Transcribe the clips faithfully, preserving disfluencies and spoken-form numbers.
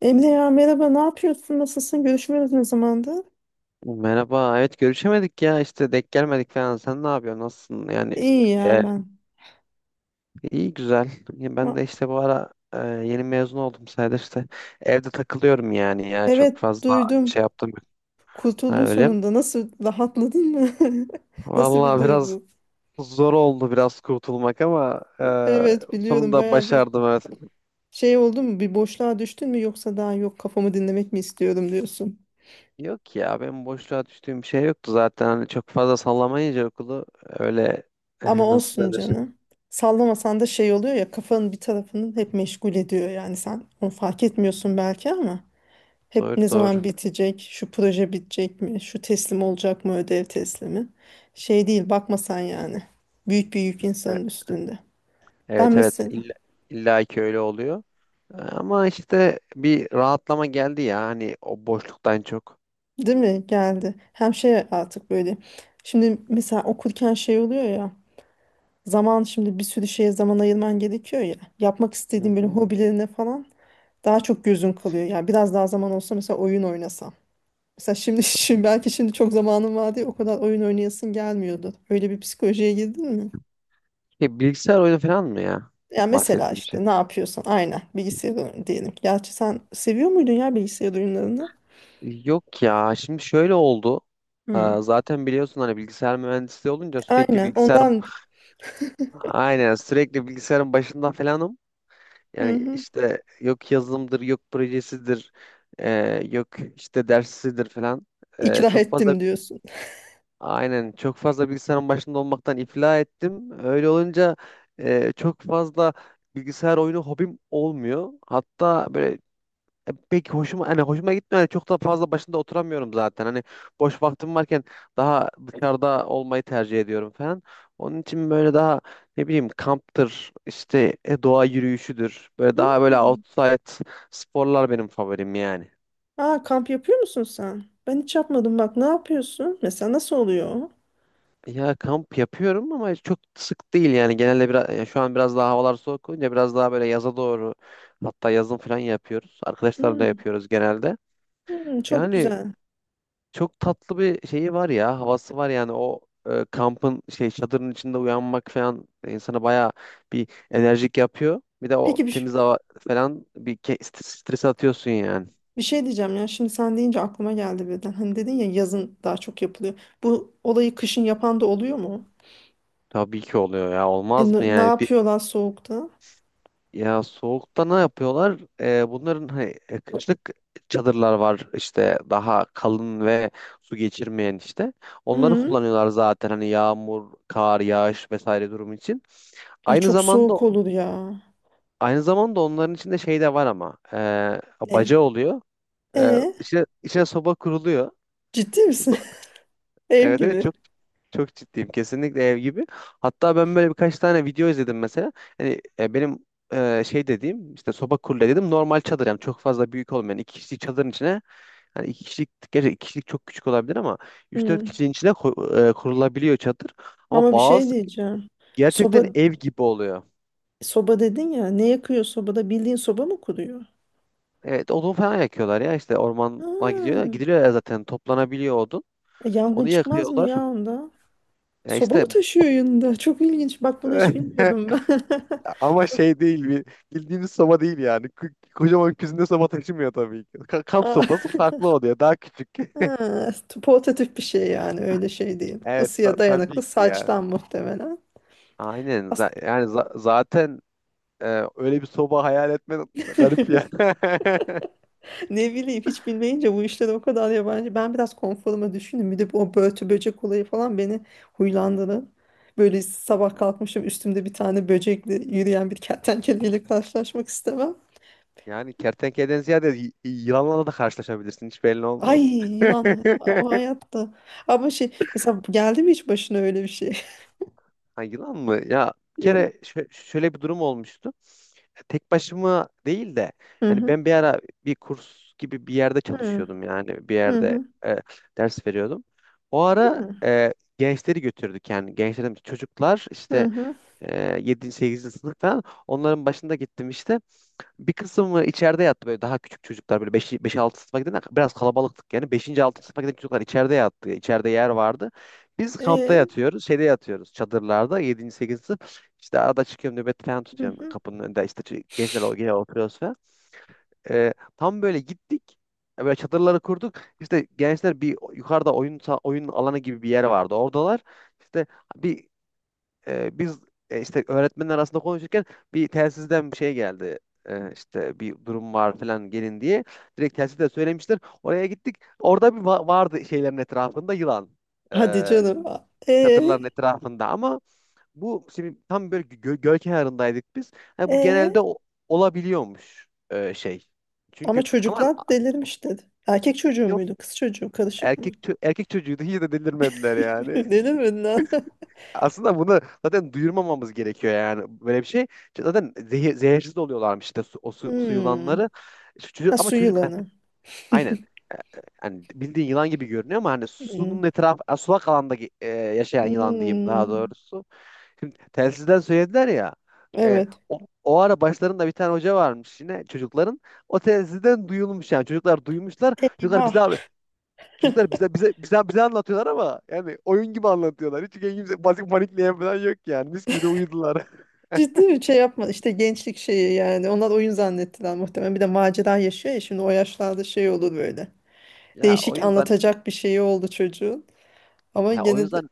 Emre ya, merhaba, ne yapıyorsun, nasılsın, görüşmüyoruz ne zamandır? Merhaba. Evet görüşemedik ya işte denk gelmedik falan. Sen ne yapıyorsun? Nasılsın? Yani İyi e, ya ben. iyi güzel. Ya ben Va- de işte bu ara e, yeni mezun oldum sayılır işte. Evde takılıyorum yani ya çok Evet fazla duydum, şey yaptım. Yok. Ha, kurtuldun öyle mi? sonunda, nasıl rahatladın mı? Nasıl bir Vallahi biraz duygu? zor oldu biraz kurtulmak ama e, Evet biliyorum, sonunda baya bir başardım evet. şey oldu mu, bir boşluğa düştün mü, yoksa daha yok kafamı dinlemek mi istiyorum diyorsun. Yok ya benim boşluğa düştüğüm bir şey yoktu zaten. Hani çok fazla sallamayınca okulu öyle Ama e, nasıl olsun denir? canım. Sallamasan da şey oluyor ya, kafanın bir tarafının hep meşgul ediyor, yani sen onu fark etmiyorsun belki ama. Hep Doğru ne doğru. zaman bitecek, şu proje bitecek mi, şu teslim olacak mı, ödev teslimi. Şey değil, bakma sen yani. Büyük bir yük E, insanın üstünde. Ben Evet evet mesela, illa, illa ki öyle oluyor. Ama işte bir rahatlama geldi ya hani o boşluktan çok. değil mi geldi. Hem şey artık böyle. Şimdi mesela okurken şey oluyor ya. Zaman şimdi bir sürü şeye zaman ayırman gerekiyor ya. Yapmak Hı istediğin böyle hı. hobilerine falan daha çok gözün kalıyor. Yani biraz daha zaman olsa mesela oyun oynasam. Mesela şimdi, şimdi belki şimdi çok zamanım var diye o kadar oyun oynayasın gelmiyordu. Öyle bir psikolojiye girdin mi? E, bilgisayar oyunu falan mı ya Ya mesela bahsettiğim şey? işte ne yapıyorsan aynen bilgisayar oyunu diyelim. Gerçi sen seviyor muydun ya bilgisayar oyunlarını? Yok ya şimdi şöyle oldu. Aa, Hmm. Zaten biliyorsun hani bilgisayar mühendisliği olunca sürekli Aynen bilgisayar ondan. aynen sürekli bilgisayarın başında falanım. Hı Yani hı. işte yok yazılımdır, yok projesidir, e, yok işte dersidir falan. E, ikna çok fazla ettim diyorsun. Aynen çok fazla bilgisayarın başında olmaktan iflah ettim. Öyle olunca e, çok fazla bilgisayar oyunu hobim olmuyor. Hatta böyle e, pek hoşuma hani hoşuma gitmiyor. Yani çok da fazla başında oturamıyorum zaten. Hani boş vaktim varken daha dışarıda olmayı tercih ediyorum falan. Onun için böyle daha ne bileyim kamptır işte e, doğa yürüyüşüdür. Böyle daha Hmm. böyle outside sporlar benim favorim yani. Aa, kamp yapıyor musun sen? Ben hiç yapmadım, bak ne yapıyorsun mesela, nasıl oluyor o? Ya kamp yapıyorum ama çok sık değil yani genelde biraz ya şu an biraz daha havalar soğuk olunca biraz daha böyle yaza doğru hatta yazın falan yapıyoruz. Arkadaşlarla Hmm, yapıyoruz genelde. hmm, çok Yani güzel. çok tatlı bir şeyi var ya havası var yani o e, kampın şey çadırın içinde uyanmak falan insana bayağı bir enerjik yapıyor. Bir de o Peki bir, ş- temiz hava falan bir ke- stres, stres atıyorsun yani. bir şey diyeceğim ya, şimdi sen deyince aklıma geldi birden. Hani dedin ya, yazın daha çok yapılıyor. Bu olayı kışın yapan da oluyor mu? Tabii ki oluyor ya E, olmaz mı ne, ne yani? yapıyorlar soğukta? Ya soğukta ne yapıyorlar? Ee, bunların hani e, kışlık çadırlar var işte daha kalın ve su geçirmeyen işte. Onları Hmm. kullanıyorlar zaten hani yağmur, kar, yağış vesaire durum için. Ay Aynı çok zamanda soğuk olur ya. aynı zamanda onların içinde şey de var ama e, E, baca oluyor. E, E, içine, içine soba kuruluyor. Ciddi misin? Ev Evet evet gibi. çok çok ciddiyim. Kesinlikle ev gibi. Hatta ben böyle birkaç tane video izledim mesela. Hani e, benim e, şey dediğim işte soba kurule dedim normal çadır yani çok fazla büyük olmayan iki kişilik çadırın içine hani iki kişilik gerçi iki kişilik çok küçük olabilir ama üç dört Hmm. kişinin içine ko- e, kurulabiliyor çadır. Ama Ama bir şey bazı diyeceğim. gerçekten Soba ev gibi oluyor. soba dedin ya. Ne yakıyor sobada? Bildiğin soba mı kuruyor? Evet odun falan yakıyorlar ya işte ormana gidiyor. Hmm. Gidiliyor ya zaten toplanabiliyor odun. E, yangın Onu çıkmaz mı yakıyorlar. ya onda? Ya Soba işte mı taşıyor yanında? Çok ilginç. Bak, bunu hiç bilmiyordum ben. Ama Çok şey değil bir bildiğiniz soba değil yani. K- Kocaman küzünde soba taşımıyor tabii ki. Ka- kamp Aa, sopası farklı oluyor. Daha küçük. ha, portatif bir şey yani, öyle şey değil. Evet ta- Isıya tabii dayanıklı ki ya. saçtan muhtemelen. Aynen. As- Za- yani za- zaten e, öyle bir soba hayal etmen garip ya. Ne bileyim, hiç bilmeyince bu işler o kadar yabancı. Ben biraz konforuma düşündüm. Bir de bu o börtü böcek olayı falan beni huylandırdı. Böyle sabah kalkmışım, üstümde bir tane böcekle yürüyen bir kertenkeleyle karşılaşmak istemem. Yani kertenkeleden ziyade y- yılanlarla da karşılaşabilirsin. Hiç belli Ay, olmaz. yılan ha- o hayatta. Ama şey, mesela geldi mi hiç başına öyle bir şey? Ha, yılan mı? Ya bir Yok. kere şö- şöyle bir durum olmuştu. E, Tek başıma değil de Hı hani hı. ben bir ara bir kurs gibi bir yerde Hı hı. çalışıyordum yani bir yerde e, ders veriyordum. O Hı ara hı. e, gençleri götürdük yani gençlerim çocuklar Hı işte hı. e, yedinci. sekizinci sınıf falan onların başında gittim işte. Bir kısmı içeride yattı böyle daha küçük çocuklar böyle beş altı sınıfa giden biraz kalabalıktık yani beşinci altıncı sınıfa giden çocuklar içeride yattı. İçeride yer vardı. Biz kampta E, yatıyoruz. Şeyde yatıyoruz çadırlarda yedinci sekizinci sınıf. İşte arada çıkıyorum nöbet falan hı tutuyorum hı. kapının önünde işte ç- gençler o- gene oturuyoruz falan. Ee, tam böyle gittik. e, Böyle çadırları kurduk. İşte gençler bir yukarıda oyun sa- oyun alanı gibi bir yer vardı. Oradalar. İşte bir e, biz e, işte öğretmenler arasında konuşurken bir telsizden bir şey geldi. E, işte bir durum var falan gelin diye. Direkt telsizde söylemişler. Oraya gittik. Orada bir va- vardı şeylerin etrafında yılan. E, Hadi canım. E, çadırların etrafında ama bu şimdi tam böyle gö göl kenarındaydık biz. Ha, bu e. genelde o- olabiliyormuş e, şey. Ama Çünkü ama çocuklar delirmiş dedi. Erkek çocuğu yok muydu? Kız çocuğu, karışık mı? erkek çö- erkek çocuğuydu hiç de delirmediler yani. Ne demedin ha? Aslında bunu zaten duyurmamamız gerekiyor yani böyle bir şey. Çünkü zaten zehir, zehirsiz oluyorlarmış işte su, o su, su Hmm. yılanları. Şu Çocuk, Ha, ama su çocuk hani, yılanı. aynen hani bildiğin yılan gibi görünüyor ama hani Hmm. sunun etrafı sulak alanda ge- e, yaşayan yılan diyeyim daha Hmm. doğrusu. Şimdi telsizden söylediler ya e, Evet. o, o ara başlarında bir tane hoca varmış yine çocukların. O telsizden duyulmuş yani çocuklar duymuşlar. Çocuklar bize Eyvah. Çocuklar bize bize bize bize anlatıyorlar ama yani oyun gibi anlatıyorlar. Hiç kimse basit panikleyen falan yok yani. Mis gibi de uyudular. Ciddi bir şey yapma. İşte gençlik şeyi yani. Onlar oyun zannettiler muhtemelen. Bir de macera yaşıyor ya şimdi, o yaşlarda şey olur böyle. Ya Değişik oyun zan anlatacak bir şeyi oldu çocuğun. Ama ya oyun gene de zan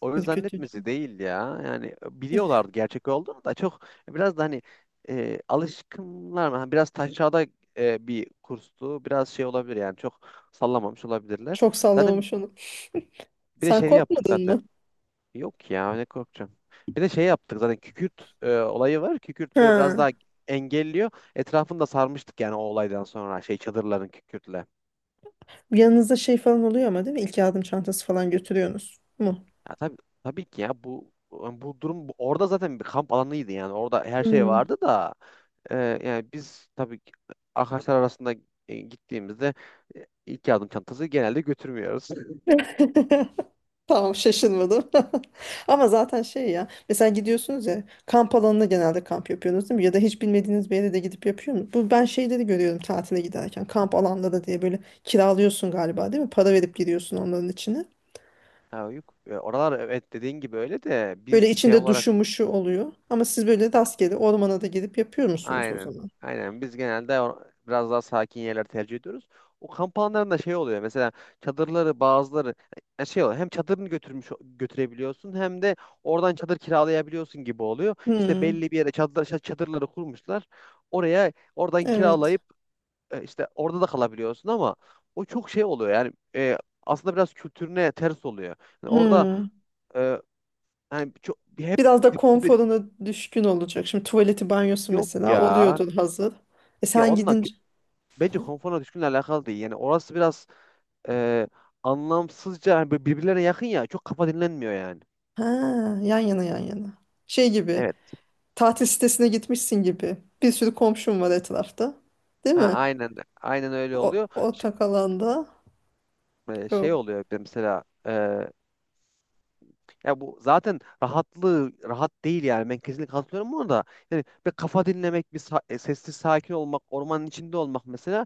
oyun ürkütücü. zannetmesi değil ya. Yani biliyorlardı gerçek olduğunu da çok biraz da hani e, alışkınlar mı? Hani biraz taşrada e, bir kurstu. Biraz şey olabilir yani çok sallamamış olabilirler. Çok Zaten sallamamış onu. bir de Sen şey yaptık korkmadın zaten. mı? Yok ya ne korkacağım. Bir de şey yaptık zaten kükürt e, olayı var. Kükürt böyle biraz Ha. daha engelliyor. Etrafını da sarmıştık yani o olaydan sonra şey çadırların kükürtle. Yanınızda şey falan oluyor ama, değil mi? İlk yardım çantası falan götürüyorsunuz mu? Ya tabii, tabii ki ya bu yani bu durum bu- orada zaten bir kamp alanıydı yani orada her şey Hmm. vardı da e, yani biz tabii ki arkadaşlar arasında e, gittiğimizde e, ilk yardım çantası genelde götürmüyoruz. Tamam, şaşırmadım. Ama zaten şey ya, mesela gidiyorsunuz ya kamp alanına, genelde kamp yapıyorsunuz değil mi? Ya da hiç bilmediğiniz bir yere de gidip yapıyor musunuz? Bu ben şeyleri görüyorum, tatile giderken kamp alanları diye böyle kiralıyorsun galiba, değil mi? Para verip giriyorsun onların içine. Ha, yok. E, oralar evet dediğin gibi öyle de Böyle biz şey içinde olarak duşu muşu oluyor. Ama siz böyle rastgele ormana da gidip yapıyor musunuz o Aynen. zaman? Aynen. Biz genelde o- biraz daha sakin yerler tercih ediyoruz. O kamp alanlarında şey oluyor. Mesela çadırları bazıları yani şey oluyor. Hem çadırını götürmüş götürebiliyorsun hem de oradan çadır kiralayabiliyorsun gibi oluyor. İşte Hmm, belli bir yere çadır, ça- çadırları kurmuşlar. Oraya oradan evet. kiralayıp e, işte orada da kalabiliyorsun ama o çok şey oluyor. Yani e, aslında biraz kültürüne ters oluyor. Yani orada Hmm. e, hani çok hep Biraz da konforuna düşkün olacak. Şimdi tuvaleti, banyosu yok mesela ya. oluyordur hazır. E Ya sen onunla gidince bence konforuna düşkünle alakalı değil. Yani orası biraz e, anlamsızca hani böyle birbirlerine yakın ya çok kafa dinlenmiyor yani. ha, yan yana yan yana. Şey gibi, Evet. tatil sitesine gitmişsin gibi. Bir sürü komşum var etrafta. Değil Ha, mi? aynen aynen öyle O, oluyor. Ş- ortak alanda e, şey yok. oluyor bir de mesela e, ya bu zaten rahatlığı rahat değil yani ben kesinlikle katılıyorum buna da yani bir kafa dinlemek bir sa- e, sessiz sakin olmak ormanın içinde olmak mesela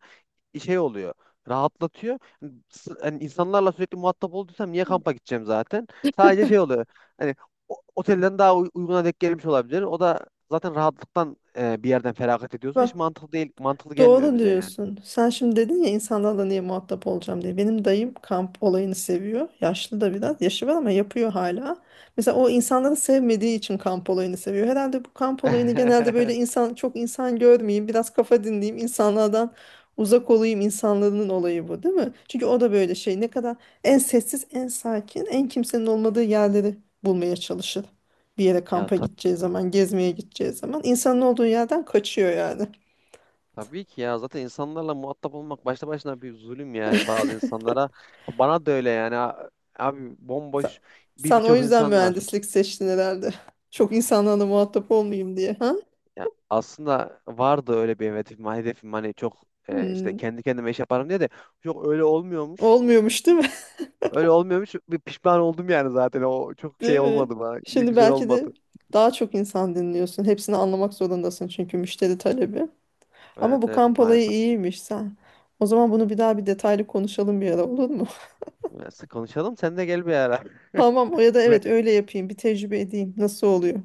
şey oluyor. Rahatlatıyor. Hani s- hani insanlarla sürekli muhatap olduysam niye kampa gideceğim zaten? Sadece şey oluyor. Hani o- otelden daha uy- uyguna denk gelmiş olabilir. O da zaten rahatlıktan e, bir yerden feragat ediyorsun. Hiç mantıklı değil, mantıklı gelmiyor Doğru bize yani. diyorsun. Sen şimdi dedin ya insanlarla niye muhatap olacağım diye. Benim dayım kamp olayını seviyor. Yaşlı da biraz. Yaşı var ama yapıyor hala. Mesela o, insanları sevmediği için kamp olayını seviyor herhalde. Bu kamp olayını genelde böyle insan, çok insan görmeyeyim, biraz kafa dinleyeyim, insanlardan uzak olayım, insanların olayı bu değil mi? Çünkü o da böyle şey, ne kadar en sessiz, en sakin, en kimsenin olmadığı yerleri bulmaya çalışır. Bir yere Ya kampa tab gideceği zaman, gezmeye gideceği zaman, insanın olduğu yerden kaçıyor yani. tabii ki ya zaten insanlarla muhatap olmak başta başına bir zulüm yani bazı insanlara. Bana da öyle yani A- abi Sen, bomboş bir sen o birçok yüzden insan var. mühendislik seçtin herhalde. Çok insanlarla muhatap olmayayım diye. Ha? Ya aslında vardı öyle bir hedefim. Hedefim hani çok e, işte Hmm. kendi kendime iş yaparım diye de çok öyle olmuyormuş. Olmuyormuş değil mi? Öyle olmuyormuş. Bir pişman oldum yani zaten. O çok Değil şey mi? olmadı bana. iyi- Şimdi Güzel belki de olmadı. daha çok insan dinliyorsun. Hepsini anlamak zorundasın çünkü müşteri talebi. Ama Evet bu evet kamp olayı maalesef. iyiymiş sen. O zaman bunu bir daha, bir detaylı konuşalım bir ara, olur mu? Neyse, konuşalım. Sen de gel bir ara. Tamam, o ya da Ve evet, öyle yapayım. Bir tecrübe edeyim, nasıl oluyor?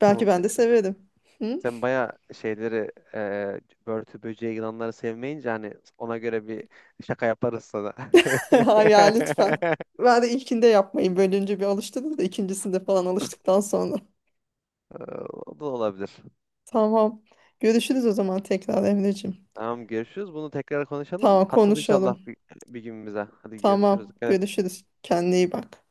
Belki tamam se- ben de severim. Hı? sen, bayağı şeyleri e, börtü böceği yılanları sevmeyince hani ona göre bir şaka yaparız sana. Hayır ya, lütfen. Ben de ilkinde yapmayın. Bölünce bir alıştınız da, ikincisinde falan, alıştıktan sonra. O da olabilir. Tamam. Görüşürüz o zaman tekrar, Emreciğim. Tamam görüşürüz. Bunu tekrar konuşalım. Tamam, Katıl inşallah konuşalım. bir, bir gün bize. Hadi görüşürüz. Tamam. Dikkat et. Görüşürüz. Kendine iyi bak.